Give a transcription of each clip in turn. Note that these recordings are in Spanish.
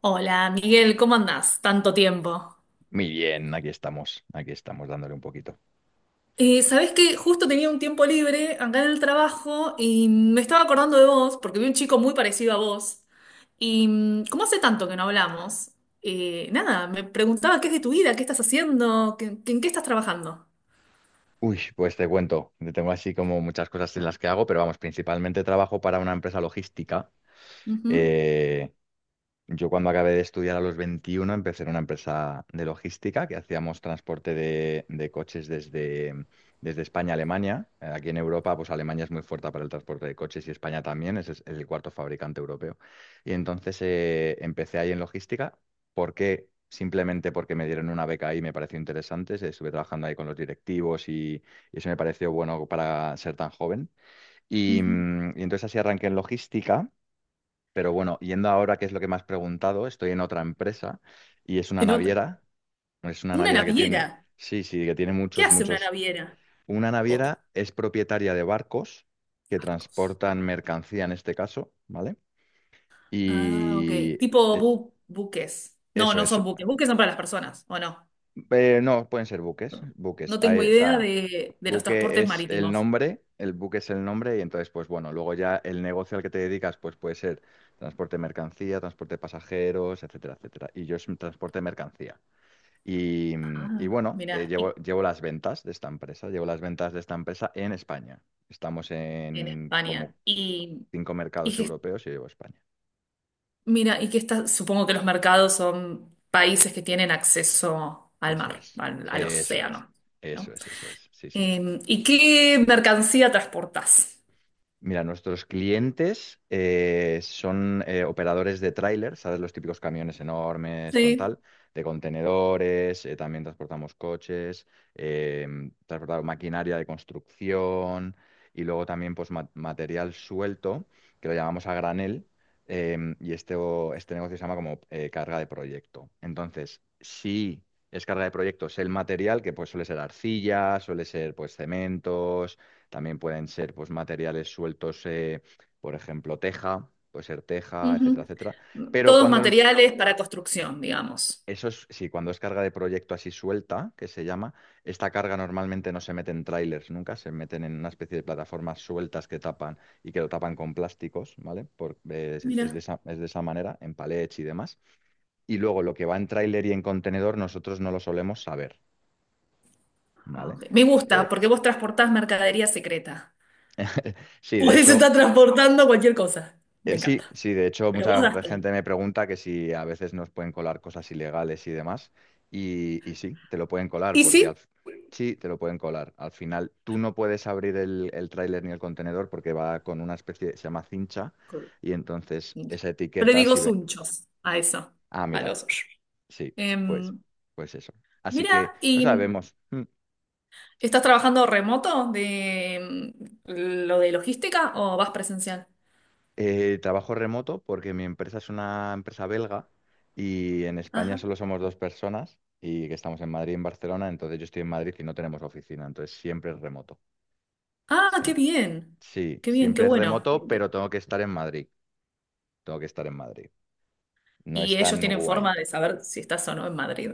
Hola, Miguel, ¿cómo andás? Tanto tiempo. Muy bien, aquí estamos dándole un poquito. ¿Sabés qué? Justo tenía un tiempo libre acá en el trabajo y me estaba acordando de vos porque vi un chico muy parecido a vos. Como hace tanto que no hablamos, nada, me preguntaba qué es de tu vida, qué estás haciendo, en qué estás trabajando. Uy, pues te cuento, yo tengo así como muchas cosas en las que hago, pero vamos, principalmente trabajo para una empresa logística. Ujú, eh, Yo cuando acabé de estudiar a los 21 empecé en una empresa de logística que hacíamos transporte de coches desde, desde España a Alemania. Aquí en Europa, pues Alemania es muy fuerte para el transporte de coches y España también, ese es el cuarto fabricante europeo. Y entonces empecé ahí en logística. ¿Por qué? Simplemente porque me dieron una beca ahí, me pareció interesante. Estuve trabajando ahí con los directivos y eso me pareció bueno para ser tan joven. Y, ujú. Y entonces así arranqué en logística. Pero bueno, yendo ahora, que es lo que me has preguntado, estoy en otra empresa y es una En otra. naviera. Es una Una naviera que naviera. tiene, sí, sí, que tiene ¿Qué muchos, hace una muchos. naviera? Una Botes, naviera es propietaria de barcos que barcos. transportan mercancía en este caso, ¿vale? Ah, Y ok. Tipo eh, buques. No, eso no es. son buques. Buques son para las personas, ¿o no? No, pueden ser buques, buques. No tengo Ahí, o idea sea, de los buque transportes es el marítimos. nombre, el buque es el nombre y entonces, pues bueno, luego ya el negocio al que te dedicas, pues puede ser transporte de mercancía, transporte de pasajeros, etcétera, etcétera. Y yo es un transporte de mercancía. Y, y Ah, bueno, mira, llevo, y llevo las ventas de esta empresa, llevo las ventas de esta empresa en España. Estamos en en como España. Y, cinco y mercados que, europeos y yo llevo España. mira, y que está, supongo que los mercados son países que tienen acceso al Eso mar, es, al eso es, océano, eso ¿no? es, eso es. Sí, sí. ¿Y qué mercancía transportas? Mira, nuestros clientes son operadores de tráiler, ¿sabes? Los típicos camiones enormes con Sí. tal, de contenedores, también transportamos coches, eh, transportamos maquinaria de construcción y luego también pues, material suelto, que lo llamamos a granel, y este, este negocio se llama como carga de proyecto. Entonces, si es carga de proyecto, es el material que pues, suele ser arcilla, suele ser pues, cementos también pueden ser pues, materiales sueltos, por ejemplo, teja, puede ser teja, etcétera, Ujú. etcétera. Pero Todos cuando materiales para construcción, digamos. eso es, sí, cuando es carga de proyecto así suelta, que se llama, esta carga normalmente no se mete en trailers nunca, se meten en una especie de plataformas sueltas que tapan y que lo tapan con plásticos, ¿vale? Mira. Es de esa manera, en palets y demás. Y luego lo que va en tráiler y en contenedor, nosotros no lo solemos saber, Ah, ¿vale? ok. Me gusta, Eh, porque vos transportás mercadería secreta. sí, de Podés hecho. estar transportando cualquier cosa. Me encanta. Sí, sí, de hecho Pero vos mucha das todo. gente me pregunta que si a veces nos pueden colar cosas ilegales y demás, y sí, te lo pueden colar, Y porque sí, sí, te lo pueden colar. Al final tú no puedes abrir el tráiler ni el contenedor porque va con una especie, se llama cincha, Col- y entonces esa yo le etiqueta digo si ve, sunchos a eso, ah, a mira, los... sí, pues, Em, pues eso. Así Mira, que no ¿y sabemos. estás trabajando remoto lo de logística o vas presencial? Trabajo remoto porque mi empresa es una empresa belga y en España Ajá. solo somos dos personas y que estamos en Madrid y en Barcelona, entonces yo estoy en Madrid y no tenemos oficina, entonces siempre es remoto. Ah, Siem- qué bien, sí, qué bien, qué siempre es bueno. remoto, pero tengo que estar en Madrid, tengo que estar en Madrid. No es Y ellos tan tienen guay. forma de saber si estás o no en Madrid.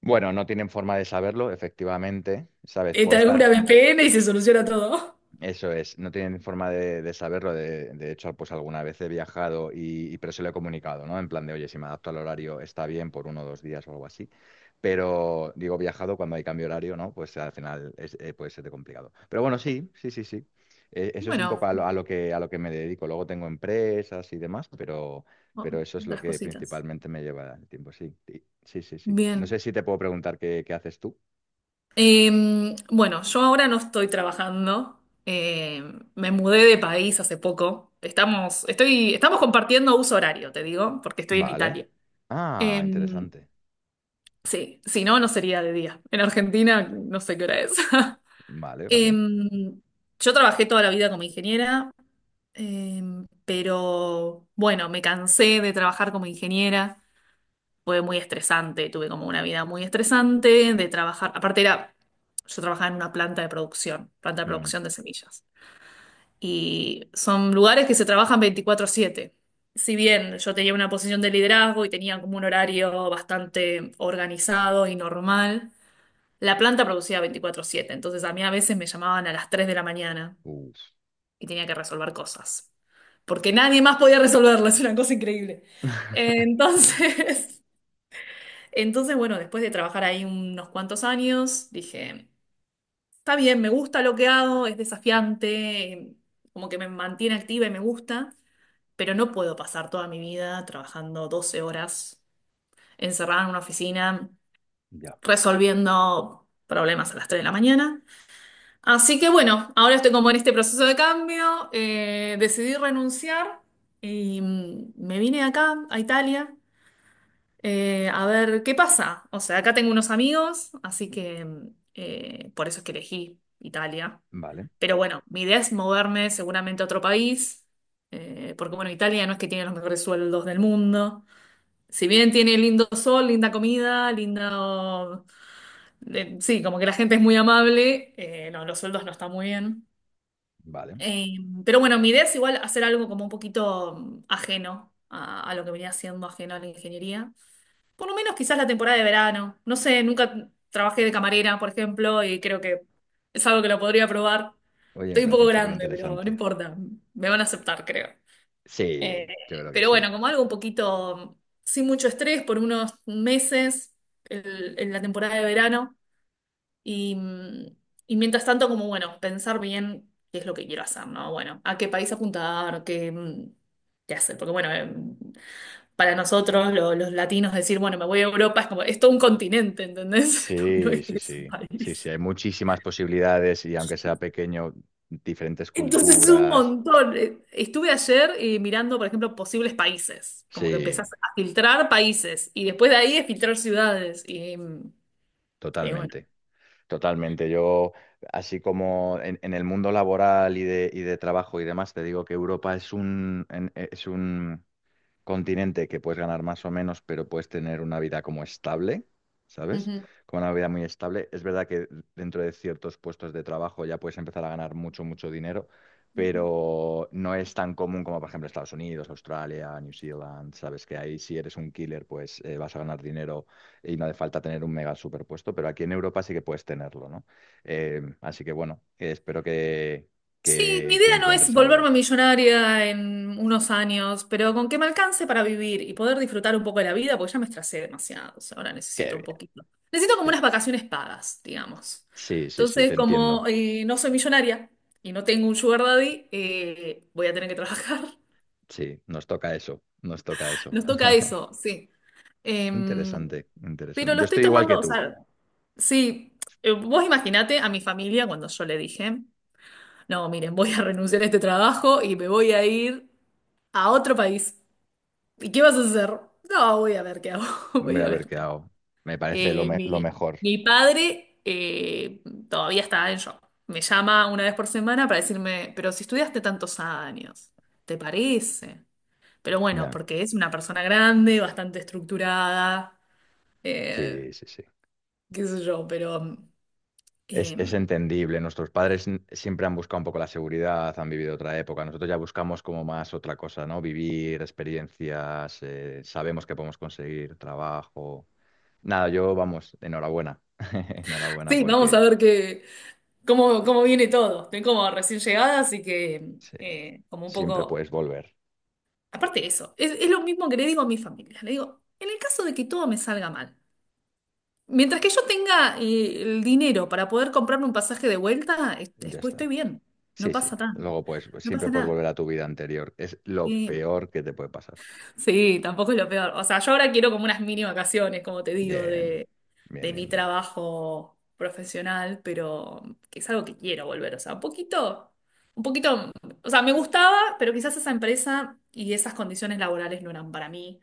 Bueno, no tienen forma de saberlo, efectivamente, ¿sabes? Puedo Instala una estar. VPN y se soluciona todo. Eso es, no tienen forma de saberlo. De hecho, pues alguna vez he viajado y, pero se lo he comunicado, ¿no? En plan de, oye, si me adapto al horario está bien por uno o dos días o algo así. Pero digo, viajado cuando hay cambio de horario, ¿no? Pues al final es, puede ser de complicado. Pero bueno, sí, sí, sí, sí. Eso es un poco Bueno, a lo que me dedico. Luego tengo empresas y demás, o- pero eso es lo otras que cositas. principalmente me lleva el tiempo, sí. Sí, sí, sí, sí. No Bien. sé si te puedo preguntar qué, qué haces tú. Eh, bueno, yo ahora no estoy trabajando. eh, Me mudé de país hace poco. Estamos compartiendo uso horario, te digo, porque estoy en Vale. Italia. Ah, Eh, interesante. sí, si no, no sería de día. En Argentina no sé qué hora es. Vale, Eh, vale. yo trabajé toda la vida como ingeniera, eh, pero bueno, me cansé de trabajar como ingeniera. Fue muy estresante, tuve como una vida muy estresante de trabajar. Aparte era, yo trabajaba en una planta de Mm. producción de semillas, y son lugares que se trabajan 24/7. Si bien yo tenía una posición de liderazgo y tenía como un horario bastante organizado y normal, la planta producía 24/7, entonces a mí a veces me llamaban a las 3 de la mañana Uf, y tenía que resolver cosas, porque nadie más podía resolverlas. Es una cosa increíble. Entonces... Entonces, bueno, después de trabajar ahí unos cuantos años, dije, está bien, me gusta lo que hago, es desafiante, como que me mantiene activa y me gusta, pero no puedo pasar toda mi vida trabajando 12 horas encerrada en una oficina, ya, resolviendo problemas a las 3 de la mañana. Así que bueno, ahora estoy como en este proceso de cambio, decidí renunciar y me vine acá, a Italia. A ver, ¿qué pasa? O sea, acá tengo unos amigos, así que por eso es que elegí Italia. vale, Pero bueno, mi idea es moverme seguramente a otro país, porque bueno, Italia no es que tiene los mejores sueldos del mundo. Si bien tiene lindo sol, linda comida, linda, sí, como que la gente es muy amable, no, los sueldos no están muy bien. vale. Eh, pero bueno, mi idea es igual hacer algo como un poquito ajeno a lo que venía siendo, ajeno a la ingeniería. Por lo menos quizás la temporada de verano. No sé, nunca trabajé de camarera, por ejemplo, y creo que es algo que lo podría probar. Oye, me Estoy un poco parecen súper grande, pero no interesantes. importa. Me van a aceptar, creo. Eh, Sí, yo creo que pero sí. bueno, como algo un poquito sin mucho estrés por unos meses, en la temporada de verano, y y mientras tanto como bueno, pensar bien qué es lo que quiero hacer, ¿no? Bueno, a qué país apuntar, qué, qué hacer, porque bueno, para nosotros, los latinos, decir, bueno, me voy a Europa, es como, es todo un continente, ¿entendés? No, no Sí, es que sí, es un sí. Sí, sí, país. hay muchísimas posibilidades y aunque sea pequeño, diferentes Entonces es un culturas. montón. Estuve ayer mirando, por ejemplo, posibles países, como que empezás Sí, a filtrar países y después de ahí a filtrar ciudades. Y y bueno. totalmente. Totalmente. Yo, así como en el mundo laboral y de trabajo y demás, te digo que Europa es un continente que puedes ganar más o menos, pero puedes tener una vida como estable, ¿sabes? Como una vida muy estable. Es verdad que dentro de ciertos puestos de trabajo ya puedes empezar a ganar mucho, mucho dinero, pero no es tan común como, por ejemplo, Estados Unidos, Australia, New Zealand, ¿sabes? Que ahí si eres un killer, pues vas a ganar dinero y no hace falta tener un mega superpuesto, pero aquí en Europa sí que puedes tenerlo, ¿no? Así que bueno, espero Sí, mi que idea no es encuentres volverme algo. millonaria en unos años, pero con que me alcance para vivir y poder disfrutar un poco de la vida, porque ya me estresé demasiado. O sea, ahora Qué necesito un bien, poquito. Necesito como qué unas bien. vacaciones pagas, digamos. Sí, sí, sí, te Entonces, como entiendo. No soy millonaria y no tengo un sugar daddy, voy a tener que trabajar. Sí, nos toca eso, nos toca eso. Nos toca eso, sí. Em, Interesante, pero interesante. lo Yo estoy estoy igual que tomando, o tú. sea, sí. Vos imaginate a mi familia cuando yo le dije, no, miren, voy a renunciar a este trabajo y me voy a ir a otro país. ¿Y qué vas a hacer? No, voy a ver qué hago. Voy Voy a a ver ver qué qué hago. hago. Me parece lo, Eh, lo mi, mejor. mi padre todavía está en shock. Me llama una vez por semana para decirme, pero si estudiaste tantos años, ¿te parece? Pero bueno, Ya, porque es una persona grande, bastante estructurada, eh, sí, sí, sí. qué sé yo, pero eh, Es entendible. Nuestros padres siempre han buscado un poco la seguridad, han vivido otra época. Nosotros ya buscamos como más otra cosa, ¿no? Vivir experiencias, sabemos que podemos conseguir trabajo. Nada, yo, vamos, enhorabuena. Enhorabuena sí, vamos a porque ver qué, cómo viene todo. Estoy como recién llegada, así que sí, como un siempre poco... puedes volver. Aparte de eso, es lo mismo que le digo a mi familia. Le digo, en el caso de que todo me salga mal, mientras que yo tenga, el dinero para poder comprarme un pasaje de vuelta, Ya pues estoy está. bien. Sí, No sí. pasa nada. Luego, pues, pues, No siempre pasa puedes nada. volver a tu vida anterior. Es lo Eh, peor que te puede pasar. sí, tampoco es lo peor. O sea, yo ahora quiero como unas mini vacaciones, como te digo, Bien, de, bien, de mi bien, bien. trabajo profesional, pero que es algo que quiero volver. O sea, un poquito, o sea, me gustaba, pero quizás esa empresa y esas condiciones laborales no eran para mí.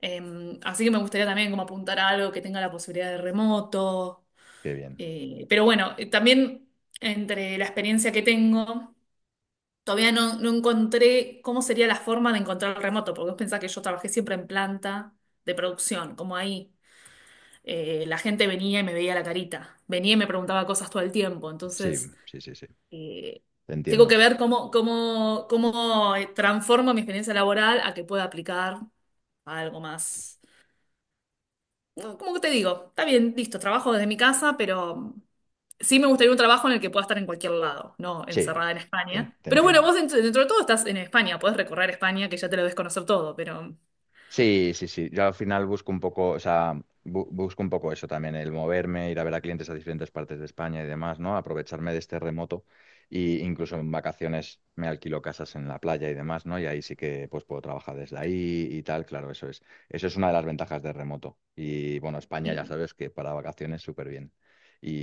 Así que me gustaría también como apuntar a algo que tenga la posibilidad de remoto. Qué bien. Pero bueno, también entre la experiencia que tengo, todavía no, no encontré cómo sería la forma de encontrar el remoto, porque vos pensás que yo trabajé siempre en planta de producción, como ahí. La gente venía y me veía la carita, venía y me preguntaba cosas todo el tiempo, Sí, entonces sí, sí, sí. eh, Te tengo que entiendo. ver cómo transformo mi experiencia laboral, a que pueda aplicar a algo más. No, como te digo, está bien, listo, trabajo desde mi casa, pero sí me gustaría un trabajo en el que pueda estar en cualquier lado, no Sí, encerrada en te, España. te Pero bueno, entiendo. vos, dentro de todo estás en España, podés recorrer España, que ya te lo debes conocer todo, pero... Sí, sí, sí. Yo al final busco un poco, o sea, busco un poco eso también, el moverme, ir a ver a clientes a diferentes partes de España y demás, ¿no? Aprovecharme de este remoto y incluso en vacaciones me alquilo casas en la playa y demás, ¿no? Y ahí sí que pues puedo trabajar desde ahí y tal, claro, eso es. Eso es una de las ventajas de remoto. Y bueno, España ya y- sabes que para vacaciones súper bien.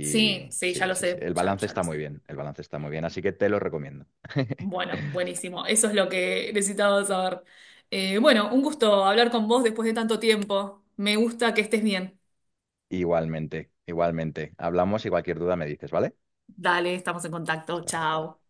sí, sí, ya sí, lo sí, sí. sé, El ya, balance ya está lo muy sé. bien, el balance está muy bien, así que te lo recomiendo. Bueno, buenísimo, eso es lo que necesitaba saber. Bueno, un gusto hablar con vos después de tanto tiempo. Me gusta que estés bien. Igualmente, igualmente. Hablamos y cualquier duda me dices, ¿vale? Dale, estamos en contacto, Hasta luego. chao.